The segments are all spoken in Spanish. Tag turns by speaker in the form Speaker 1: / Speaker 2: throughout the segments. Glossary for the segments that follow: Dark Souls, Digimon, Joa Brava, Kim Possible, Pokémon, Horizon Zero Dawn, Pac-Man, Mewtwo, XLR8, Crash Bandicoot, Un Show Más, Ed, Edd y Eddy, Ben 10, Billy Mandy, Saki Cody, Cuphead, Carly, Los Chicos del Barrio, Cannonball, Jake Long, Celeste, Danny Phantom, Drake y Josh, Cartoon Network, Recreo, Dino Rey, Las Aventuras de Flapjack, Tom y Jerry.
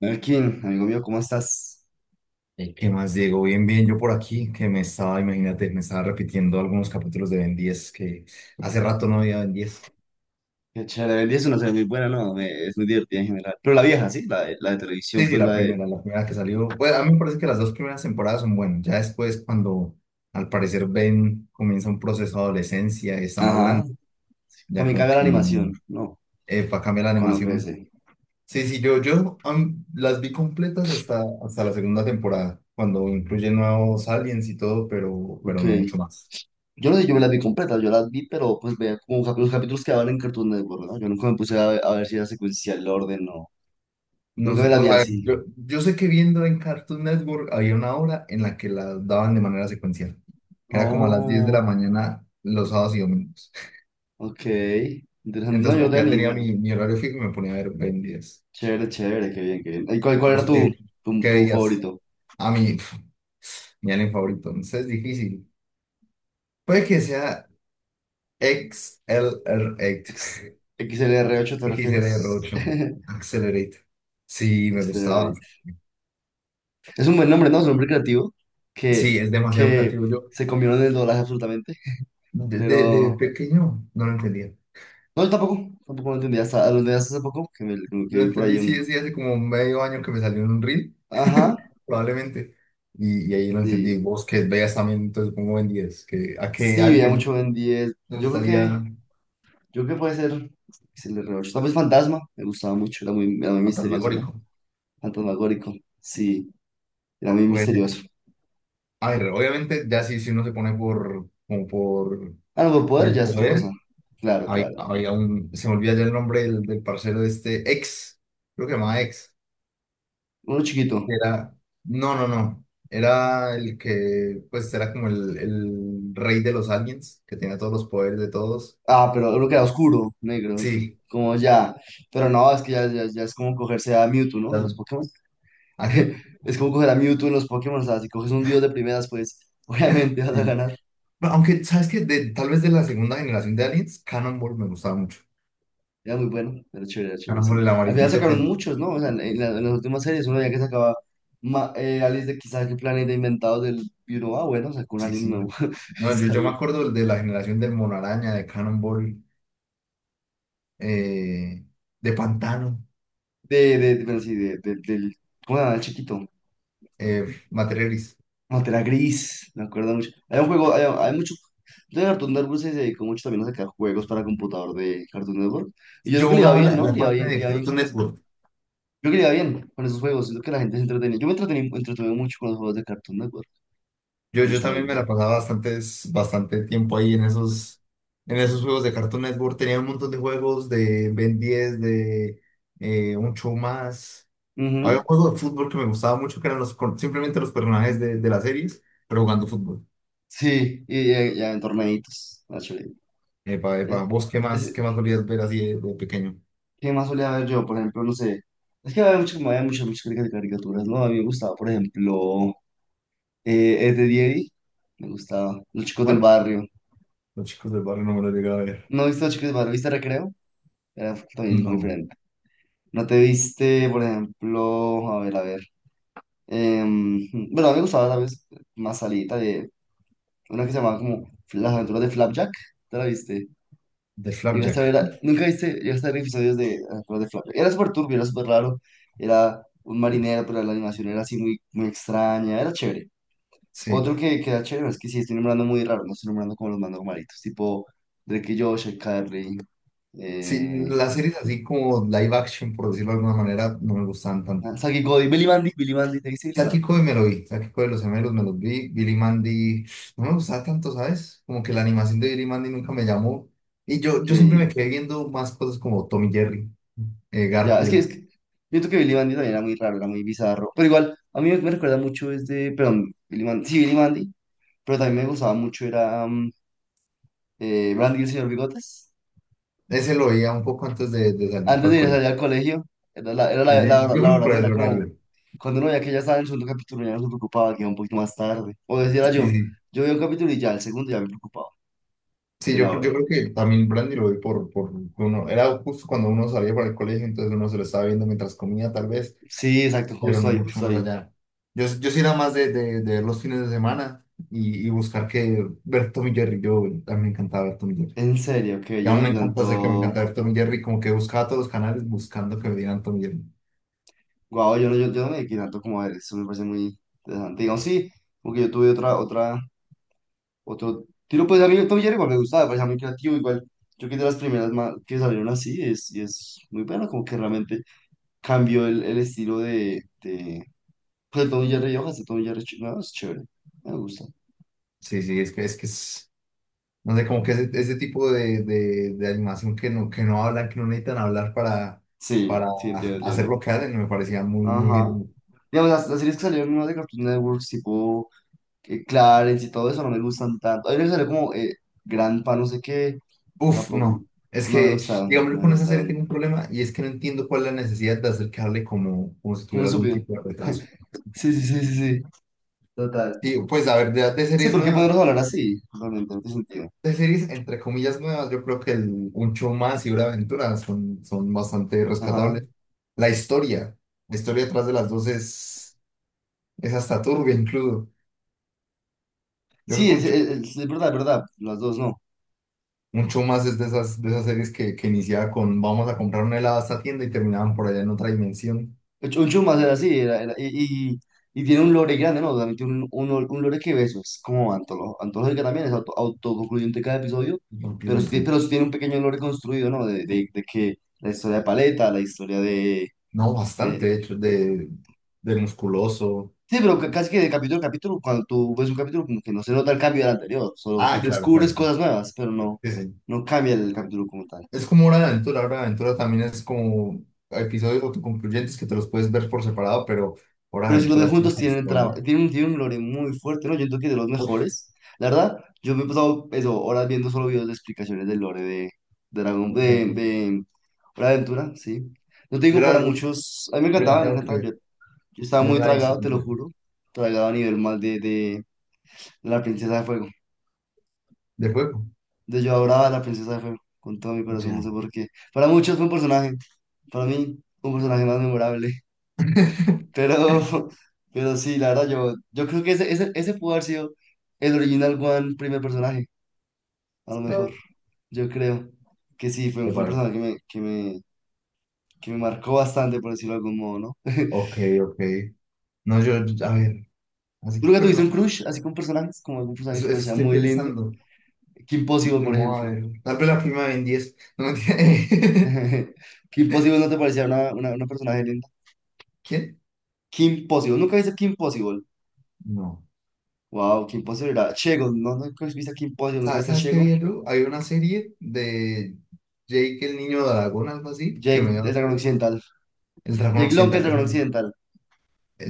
Speaker 1: Melkin, amigo mío, ¿cómo estás?
Speaker 2: Ey, ¿Qué más, Diego? Bien, bien, yo por aquí, que me estaba, imagínate, me estaba repitiendo algunos capítulos de Ben 10 que hace rato no había Ben 10.
Speaker 1: Qué chévere, el 10 es una serie muy buena, ¿no? Es muy divertida en general. Pero la vieja, ¿sí? La de televisión,
Speaker 2: Sí, sí,
Speaker 1: pues
Speaker 2: la
Speaker 1: la de...
Speaker 2: primera, la primera que salió. Bueno, a mí me parece que las dos primeras temporadas son buenas. Ya después, cuando al parecer Ben comienza un proceso de adolescencia, está más
Speaker 1: Ajá.
Speaker 2: grande, ya
Speaker 1: También
Speaker 2: como
Speaker 1: caga la
Speaker 2: que
Speaker 1: animación, ¿no?
Speaker 2: va a cambiar la
Speaker 1: Cuando
Speaker 2: animación.
Speaker 1: crece.
Speaker 2: Sí, sí, yo las vi completas hasta la segunda temporada, cuando incluye nuevos aliens y todo, pero
Speaker 1: Ok.
Speaker 2: no mucho más.
Speaker 1: Yo no sé, yo me las vi completas, yo las vi, pero pues veía como capítulos, capítulos que daban en Cartoon Network, ¿no? Yo nunca me puse a ver si era secuencial el orden, no.
Speaker 2: No
Speaker 1: Nunca me
Speaker 2: sé,
Speaker 1: las
Speaker 2: o
Speaker 1: vi
Speaker 2: sea,
Speaker 1: así.
Speaker 2: yo sé que viendo en Cartoon Network había una hora en la que la daban de manera secuencial. Era como a las 10 de la
Speaker 1: Oh,
Speaker 2: mañana los sábados y domingos.
Speaker 1: ok. Interesante. No,
Speaker 2: Entonces
Speaker 1: yo no
Speaker 2: como que
Speaker 1: tenía
Speaker 2: ya
Speaker 1: ni
Speaker 2: tenía
Speaker 1: idea.
Speaker 2: mi horario fijo y me ponía a ver Ben 10.
Speaker 1: Chévere, chévere, qué bien, qué bien. ¿Y cuál era
Speaker 2: ¿Vos
Speaker 1: tu,
Speaker 2: qué,
Speaker 1: tu,
Speaker 2: qué
Speaker 1: tu
Speaker 2: veías?
Speaker 1: favorito?
Speaker 2: A mí, mi anime favorito. Entonces es difícil. Puede que sea X L R
Speaker 1: Ex- XLR8
Speaker 2: XLR8.
Speaker 1: te refieres.
Speaker 2: XLR8. Accelerate. Sí, me gustaba.
Speaker 1: xlr Es un buen nombre, ¿no? Es un nombre creativo
Speaker 2: Sí,
Speaker 1: que,
Speaker 2: es demasiado
Speaker 1: que
Speaker 2: creativo. Yo
Speaker 1: se combinó en el doblaje absolutamente.
Speaker 2: desde,
Speaker 1: Pero
Speaker 2: desde pequeño no lo entendía.
Speaker 1: no, yo tampoco lo entendí lo entendí hasta hace poco, que
Speaker 2: Lo
Speaker 1: vi por ahí
Speaker 2: entendí,
Speaker 1: un...
Speaker 2: sí, sí, hace como medio año que me salió en un reel,
Speaker 1: Ajá,
Speaker 2: probablemente. Y ahí lo entendí.
Speaker 1: sí.
Speaker 2: Vos que veas también, entonces pongo en 10, que a que
Speaker 1: Sí, veía mucho
Speaker 2: alguien
Speaker 1: Ben 10.
Speaker 2: le gustaría a
Speaker 1: Yo creo que puede ser XLR8. Tal vez Fantasma, me gustaba mucho, era muy misterioso, ¿no?
Speaker 2: Fantasmagórico.
Speaker 1: Fantasmagórico, sí, era muy
Speaker 2: Pues,
Speaker 1: misterioso.
Speaker 2: a ver, obviamente, ya sí, si uno se pone
Speaker 1: Ah, no, por
Speaker 2: por
Speaker 1: poder ya
Speaker 2: el
Speaker 1: es otra cosa.
Speaker 2: poder,
Speaker 1: Claro, claro.
Speaker 2: había un, se me olvida ya el nombre del parcero de este, ex, creo que se llamaba ex,
Speaker 1: Uno chiquito.
Speaker 2: que era, no, no, no, era el que, pues, era como el rey de los aliens, que tenía todos los poderes de todos.
Speaker 1: Ah, pero lo que era oscuro, negro.
Speaker 2: Sí,
Speaker 1: Como ya. Pero no, es que ya es como cogerse a Mewtwo, ¿no? En los
Speaker 2: las-
Speaker 1: Pokémon.
Speaker 2: ¿a quién?
Speaker 1: Es como coger a Mewtwo en los Pokémon. O sea, si coges un dios de primeras, pues obviamente vas
Speaker 2: Sí,
Speaker 1: a
Speaker 2: sí.
Speaker 1: ganar.
Speaker 2: Bueno, aunque, ¿sabes qué? Tal vez de la segunda generación de Aliens, Cannonball me gustaba mucho.
Speaker 1: Era muy bueno. Era chévere,
Speaker 2: Cannonball,
Speaker 1: sí.
Speaker 2: el
Speaker 1: Al final
Speaker 2: amarillito
Speaker 1: sacaron
Speaker 2: que...
Speaker 1: muchos, ¿no? O sea, en las últimas series, uno ya que sacaba Alice de quizás qué planeta inventado del. Y uno, ah, bueno, sacó un
Speaker 2: Sí,
Speaker 1: alien
Speaker 2: sí.
Speaker 1: nuevo.
Speaker 2: No, yo,
Speaker 1: Está
Speaker 2: yo me
Speaker 1: bien.
Speaker 2: acuerdo del de la generación del Mono Araña, de Cannonball, eh, de Pantano,
Speaker 1: De- pero sí, de- del. ¿Cómo se el chiquito?
Speaker 2: Materia Gris.
Speaker 1: No, gris, me acuerdo mucho. Hay un juego, hay mucho. De Cartoon Network se dedicó mucho también a sacar juegos para computador de Cartoon Network. Y yo creo
Speaker 2: Yo
Speaker 1: que le iba
Speaker 2: jugaba
Speaker 1: bien,
Speaker 2: la,
Speaker 1: ¿no?
Speaker 2: la página
Speaker 1: Le
Speaker 2: de
Speaker 1: iba bien
Speaker 2: Cartoon
Speaker 1: con eso.
Speaker 2: Network.
Speaker 1: Yo creo que le iba bien con esos juegos. Siento que la gente se entretenía. Yo me entretuve mucho con los juegos de Cartoon Network,
Speaker 2: Yo también me la
Speaker 1: honestamente.
Speaker 2: pasaba bastante tiempo ahí en esos juegos de Cartoon Network. Tenía un montón de juegos de Ben 10, de un show más. Había
Speaker 1: Ujú.
Speaker 2: un juego de fútbol que me gustaba mucho, que eran los, simplemente los personajes de las series, pero jugando fútbol.
Speaker 1: Sí, y ya en torneitos más chévere.
Speaker 2: Epa,
Speaker 1: Ya-
Speaker 2: epa, ¿vos qué más,
Speaker 1: ese-
Speaker 2: qué más solías ver así de pequeño?
Speaker 1: ¿Qué más solía ver yo? Por ejemplo, no sé. Es que había mucho, había muchas, muchas caricaturas, ¿no? A mí me gustaba, por ejemplo, Ed, Edd y Eddy. Me gustaba. Los chicos del
Speaker 2: ¿Cuál?
Speaker 1: barrio.
Speaker 2: Los chicos del barrio no me lo llegué a ver.
Speaker 1: ¿No viste Los Chicos del Barrio? ¿Viste Recreo? Era también muy
Speaker 2: No,
Speaker 1: diferente. ¿No te viste, por ejemplo, a ver, a ver? Bueno, a mí me gustaba tal vez más salida de una que se llamaba como Las Aventuras de Flapjack. ¿Te la viste?
Speaker 2: de
Speaker 1: Llegaste a ver,
Speaker 2: Flapjack.
Speaker 1: nunca viste, llegaste a ver episodios de Las Aventuras de Flapjack. Era súper turbio, era súper raro. Era un marinero, pero la animación era así muy, muy extraña. Era chévere. Otro
Speaker 2: Sí.
Speaker 1: que era chévere es que sí, estoy nombrando muy raro, no estoy nombrando como los más normalitos, tipo Drake y Josh, el Carly.
Speaker 2: Sí,
Speaker 1: eh,
Speaker 2: las series así como live action, por decirlo de alguna manera, no me gustaban tanto.
Speaker 1: Saki Cody, Billy Mandy, Billy Mandy, te dice Billy Mandy.
Speaker 2: Sáquico de me lo vi, Sáquico de los gemelos me los vi, Billy Mandy no me gustaba tanto, ¿sabes? Como que la animación de Billy Mandy nunca me llamó. Y yo,
Speaker 1: Ok,
Speaker 2: yo siempre me quedé viendo más cosas como Tom y Jerry,
Speaker 1: ya,
Speaker 2: Garfield.
Speaker 1: es que siento que Billy Mandy también era muy raro, era muy bizarro. Pero igual, a mí me recuerda mucho este, perdón, Billy Mandy, sí, Billy Mandy, pero también me gustaba mucho era Brandy y el señor Bigotes.
Speaker 2: Ese lo oía un poco antes de salir
Speaker 1: Antes
Speaker 2: para
Speaker 1: de
Speaker 2: el
Speaker 1: ir a salir
Speaker 2: colegio.
Speaker 1: al colegio, era
Speaker 2: Sí,
Speaker 1: la,
Speaker 2: sí, yo
Speaker 1: la
Speaker 2: creo que
Speaker 1: hora,
Speaker 2: por
Speaker 1: ¿no? Era
Speaker 2: el
Speaker 1: como
Speaker 2: horario.
Speaker 1: cuando uno veía que ya estaba en el segundo capítulo, ya no se preocupaba, que iba un poquito más tarde. O decía
Speaker 2: Sí,
Speaker 1: yo,
Speaker 2: sí.
Speaker 1: yo veía un capítulo y ya, el segundo ya me preocupaba
Speaker 2: Sí,
Speaker 1: de
Speaker 2: yo,
Speaker 1: la
Speaker 2: creo- yo
Speaker 1: hora.
Speaker 2: creo que también Brandy lo vi por uno. Era justo cuando uno salía para el colegio, entonces uno se lo estaba viendo mientras comía, tal vez,
Speaker 1: Sí, exacto,
Speaker 2: pero
Speaker 1: justo
Speaker 2: no
Speaker 1: ahí,
Speaker 2: mucho
Speaker 1: justo
Speaker 2: más
Speaker 1: ahí.
Speaker 2: allá. Yo sí era más de ver los fines de semana y buscar que ver Tom y Jerry. Yo a mí me encantaba ver Tom y Jerry.
Speaker 1: En serio, que
Speaker 2: Y
Speaker 1: yo no
Speaker 2: aún me
Speaker 1: vi
Speaker 2: encanta,
Speaker 1: tanto.
Speaker 2: sé que me encanta ver Tom y Jerry, como que buscaba todos los canales buscando que me dieran Tom y Jerry.
Speaker 1: Guau, yo no, yo no me dediqué tanto como a ver, eso me parece muy interesante. Digamos, sí, porque yo tuve otro tiro, pues a mí Tom y Jerry igual me gustaba, me parecía muy creativo, igual. Yo que de las primeras que salieron así, es, y es muy bueno, como que realmente cambió el estilo pues de Tom y Jerry y hojas de Tom y Jerry, no, es chévere, me gusta.
Speaker 2: Sí, sí, es que es. No sé, como que ese tipo de animación que no hablan, que no necesitan hablar para,
Speaker 1: Sí,
Speaker 2: para
Speaker 1: sí, entiendo,
Speaker 2: hacer
Speaker 1: entiendo.
Speaker 2: lo que hacen, me parecía muy, muy
Speaker 1: Ajá.
Speaker 2: genial.
Speaker 1: Digamos, las series que salieron nuevas de Cartoon Network, tipo Clarence y todo eso, no me gustan tanto. Hay una que salió como Gran Pa, no sé qué.
Speaker 2: Uf,
Speaker 1: Tampoco.
Speaker 2: no. Es
Speaker 1: No me
Speaker 2: que,
Speaker 1: gustaron,
Speaker 2: digamos,
Speaker 1: no
Speaker 2: yo
Speaker 1: me
Speaker 2: con esa serie
Speaker 1: gustaron.
Speaker 2: tengo un problema y es que no entiendo cuál es la necesidad de acercarle como si
Speaker 1: Como el
Speaker 2: tuviera algún
Speaker 1: subió.
Speaker 2: tipo de retraso.
Speaker 1: Sí, sí, sí, sí, sí. Total.
Speaker 2: Sí, pues a ver, de
Speaker 1: Sí,
Speaker 2: series
Speaker 1: ¿por qué
Speaker 2: nuevas,
Speaker 1: ponerlos a hablar así? Realmente, no tiene sentido.
Speaker 2: de series entre comillas nuevas, yo creo que Un Show Más y Hora de Aventura son bastante
Speaker 1: Ajá.
Speaker 2: rescatables. La historia, la historia detrás de las dos es hasta turbia incluso. Yo creo
Speaker 1: Sí,
Speaker 2: que
Speaker 1: es,
Speaker 2: Un
Speaker 1: es verdad, es verdad. Las dos no.
Speaker 2: Mucho más es de esas series que iniciaba con vamos a comprar un helado a esta tienda y terminaban por allá en otra dimensión.
Speaker 1: Un chumas era así, y tiene un lore grande, ¿no? También tiene un lore que beso. Es como antológica también, es autoconcluyente cada episodio.
Speaker 2: Concluyente.
Speaker 1: Pero sí tiene un pequeño lore construido, ¿no? De que la historia de Paleta, la historia
Speaker 2: No, bastante,
Speaker 1: de,
Speaker 2: de hecho, de musculoso.
Speaker 1: Sí, pero casi que de capítulo a capítulo, cuando tú ves un capítulo, como que no se nota el cambio del anterior, solo te
Speaker 2: Ah, claro,
Speaker 1: descubres
Speaker 2: claro. Claro.
Speaker 1: cosas nuevas, pero no,
Speaker 2: Sí, sí.
Speaker 1: no cambia el capítulo como tal.
Speaker 2: Es como Hora de Aventura. Hora de Aventura también es como episodios autoconcluyentes que te los puedes ver por separado, pero Hora de
Speaker 1: Pero si los de
Speaker 2: Aventura tiene
Speaker 1: juntos
Speaker 2: una
Speaker 1: tienen,
Speaker 2: historia.
Speaker 1: tienen, tienen un lore muy fuerte, ¿no? Yo creo que de los
Speaker 2: Uf,
Speaker 1: mejores. La verdad, yo me he pasado eso, horas viendo solo videos de explicaciones del lore de Dragon,
Speaker 2: yo
Speaker 1: de Hora de Aventura, sí. No te digo para
Speaker 2: la,
Speaker 1: muchos, a mí
Speaker 2: me la
Speaker 1: me
Speaker 2: tengo que
Speaker 1: encantaba,
Speaker 2: ver.
Speaker 1: yo estaba
Speaker 2: Yo no
Speaker 1: muy
Speaker 2: la hice
Speaker 1: tragado, te lo
Speaker 2: completa.
Speaker 1: juro, tragado a nivel mal de la princesa de fuego.
Speaker 2: De juego.
Speaker 1: De Joa Brava, la princesa fue con todo mi corazón, no sé
Speaker 2: Ya.
Speaker 1: por qué. Para muchos fue un personaje, para mí un personaje más memorable, pero, pero sí, la verdad yo, yo creo que ese pudo haber sido el original One primer personaje, a lo
Speaker 2: De,
Speaker 1: mejor, yo creo que sí, fue,
Speaker 2: de
Speaker 1: fue un
Speaker 2: parar.
Speaker 1: personaje que me marcó bastante, por decirlo de algún modo, ¿no?
Speaker 2: Ok, ok. No, yo, a ver. Así
Speaker 1: ¿Tú
Speaker 2: que
Speaker 1: nunca tuviste
Speaker 2: perla,
Speaker 1: un crush así con personajes, como algún personaje que
Speaker 2: eso,
Speaker 1: te
Speaker 2: eso
Speaker 1: parecía
Speaker 2: estoy
Speaker 1: muy lindo?
Speaker 2: pensando.
Speaker 1: Kim Possible, por
Speaker 2: No, a
Speaker 1: ejemplo.
Speaker 2: ver, tal vez la prima de Ben 10. No, mentira.
Speaker 1: ¿Kim Possible no te parecía una personaje linda?
Speaker 2: ¿Quién?
Speaker 1: Kim Possible, ¿nunca viste Kim Possible?
Speaker 2: No.
Speaker 1: Wow, qué imposible era. Chego, no, no viste qué imposible, no
Speaker 2: ¿Sabes,
Speaker 1: viste a
Speaker 2: sabes qué
Speaker 1: Chego.
Speaker 2: vi, Lu? Hay una serie de Jake el niño dragón, algo así, que me
Speaker 1: Jake, el
Speaker 2: dio
Speaker 1: dragón occidental.
Speaker 2: el dragón
Speaker 1: Jake Long, el
Speaker 2: occidental. Es
Speaker 1: dragón occidental.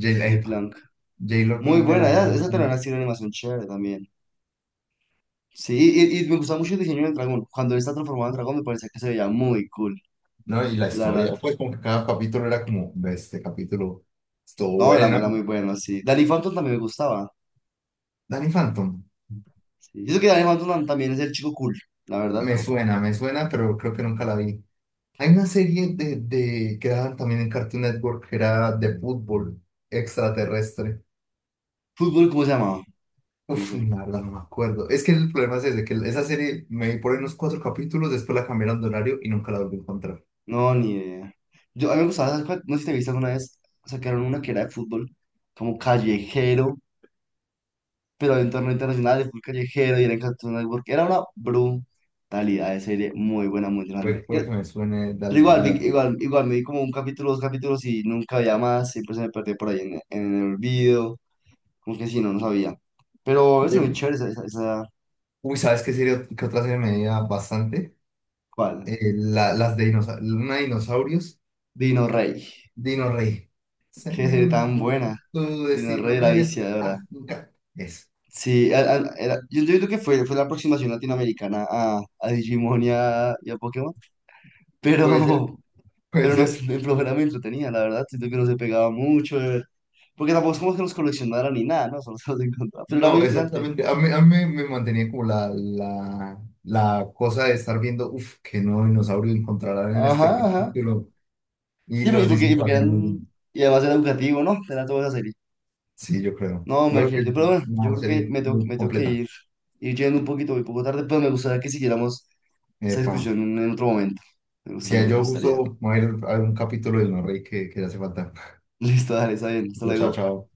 Speaker 2: Jay, la
Speaker 1: Jake
Speaker 2: epa,
Speaker 1: Long.
Speaker 2: J-Lo
Speaker 1: Muy
Speaker 2: como me la
Speaker 1: buena,
Speaker 2: dio
Speaker 1: esa también
Speaker 2: bastante.
Speaker 1: tiene una animación chévere también. Sí, y me gustaba mucho el diseño del dragón. Cuando él está transformado en dragón, me parecía que se veía muy cool,
Speaker 2: No, y la
Speaker 1: la verdad.
Speaker 2: historia, pues como que cada capítulo era como, "Ve, este capítulo estuvo
Speaker 1: No, era,
Speaker 2: bueno.
Speaker 1: era muy bueno, sí. Danny Phantom también me gustaba.
Speaker 2: Danny Phantom,
Speaker 1: Sí. Yo que Danny Phantom también es el chico cool, la verdad.
Speaker 2: me suena, pero creo que nunca la vi. Hay una serie de que daban también en Cartoon Network que era de fútbol extraterrestre.
Speaker 1: ¿Fútbol cómo se llamaba? No
Speaker 2: Uf,
Speaker 1: sé.
Speaker 2: la verdad no me acuerdo. Es que el problema es ese, que esa serie me vi por ahí unos cuatro capítulos, después la cambiaron de horario y nunca la volví a encontrar.
Speaker 1: No, ni idea. Yo, a mí me gustaba, ¿sabes cuál? No sé si te viste alguna vez, sacaron una que era de fútbol, como callejero pero de entorno internacional, de fútbol callejero y eran Cartoon Network. Era una brutalidad de serie, muy buena, muy grande.
Speaker 2: Puede
Speaker 1: Pero
Speaker 2: que me suene de algo.
Speaker 1: igual,
Speaker 2: de algo.
Speaker 1: igual, me di como un capítulo, dos capítulos y nunca había más, siempre se me perdió por ahí en el olvido, como que sí, no, no sabía. Pero es muy
Speaker 2: De-
Speaker 1: chévere esa,
Speaker 2: Uy, ¿sabes qué serie, qué otra serie me veía bastante?
Speaker 1: ¿cuál?
Speaker 2: Una de dinosaurios,
Speaker 1: Dino Rey,
Speaker 2: Dino Rey. Sé
Speaker 1: qué serie
Speaker 2: un
Speaker 1: tan
Speaker 2: Dino Rey,
Speaker 1: buena,
Speaker 2: tu
Speaker 1: Dino Rey
Speaker 2: destino
Speaker 1: la
Speaker 2: es
Speaker 1: viciadora.
Speaker 2: África. Es.
Speaker 1: Sí, era, yo entiendo que fue, fue la aproximación latinoamericana a Digimon y a Pokémon,
Speaker 2: Puede ser,
Speaker 1: pero,
Speaker 2: puede
Speaker 1: Pero
Speaker 2: ser.
Speaker 1: nos, el programa me entretenía, la verdad, siento que no se pegaba mucho, porque tampoco es como que nos coleccionara ni nada, ¿no? Solo se los encontraba, pero era muy
Speaker 2: No,
Speaker 1: interesante.
Speaker 2: exactamente. A mí me mantenía como la cosa de estar viendo, qué nuevo dinosaurio encontrarán en
Speaker 1: Ajá,
Speaker 2: este
Speaker 1: ajá.
Speaker 2: capítulo. Y los
Speaker 1: Y
Speaker 2: diseños lo
Speaker 1: porque
Speaker 2: hacían muy
Speaker 1: eran,
Speaker 2: bien.
Speaker 1: y además era educativo, ¿no? Era toda esa serie.
Speaker 2: Sí, yo creo.
Speaker 1: No,
Speaker 2: Yo
Speaker 1: me
Speaker 2: creo que es
Speaker 1: imagínate, pero bueno, yo
Speaker 2: una
Speaker 1: creo que
Speaker 2: serie muy
Speaker 1: me tengo que
Speaker 2: completa.
Speaker 1: ir, ir yendo un poquito, un poco tarde, pero me gustaría que siguiéramos esa
Speaker 2: Epa.
Speaker 1: discusión en otro momento. Me
Speaker 2: Si
Speaker 1: gustaría, me
Speaker 2: yo
Speaker 1: gustaría.
Speaker 2: justo voy a ir a ver un capítulo del Norrey que le hace falta.
Speaker 1: Listo, dale, está bien, hasta
Speaker 2: Chao,
Speaker 1: luego.
Speaker 2: chao.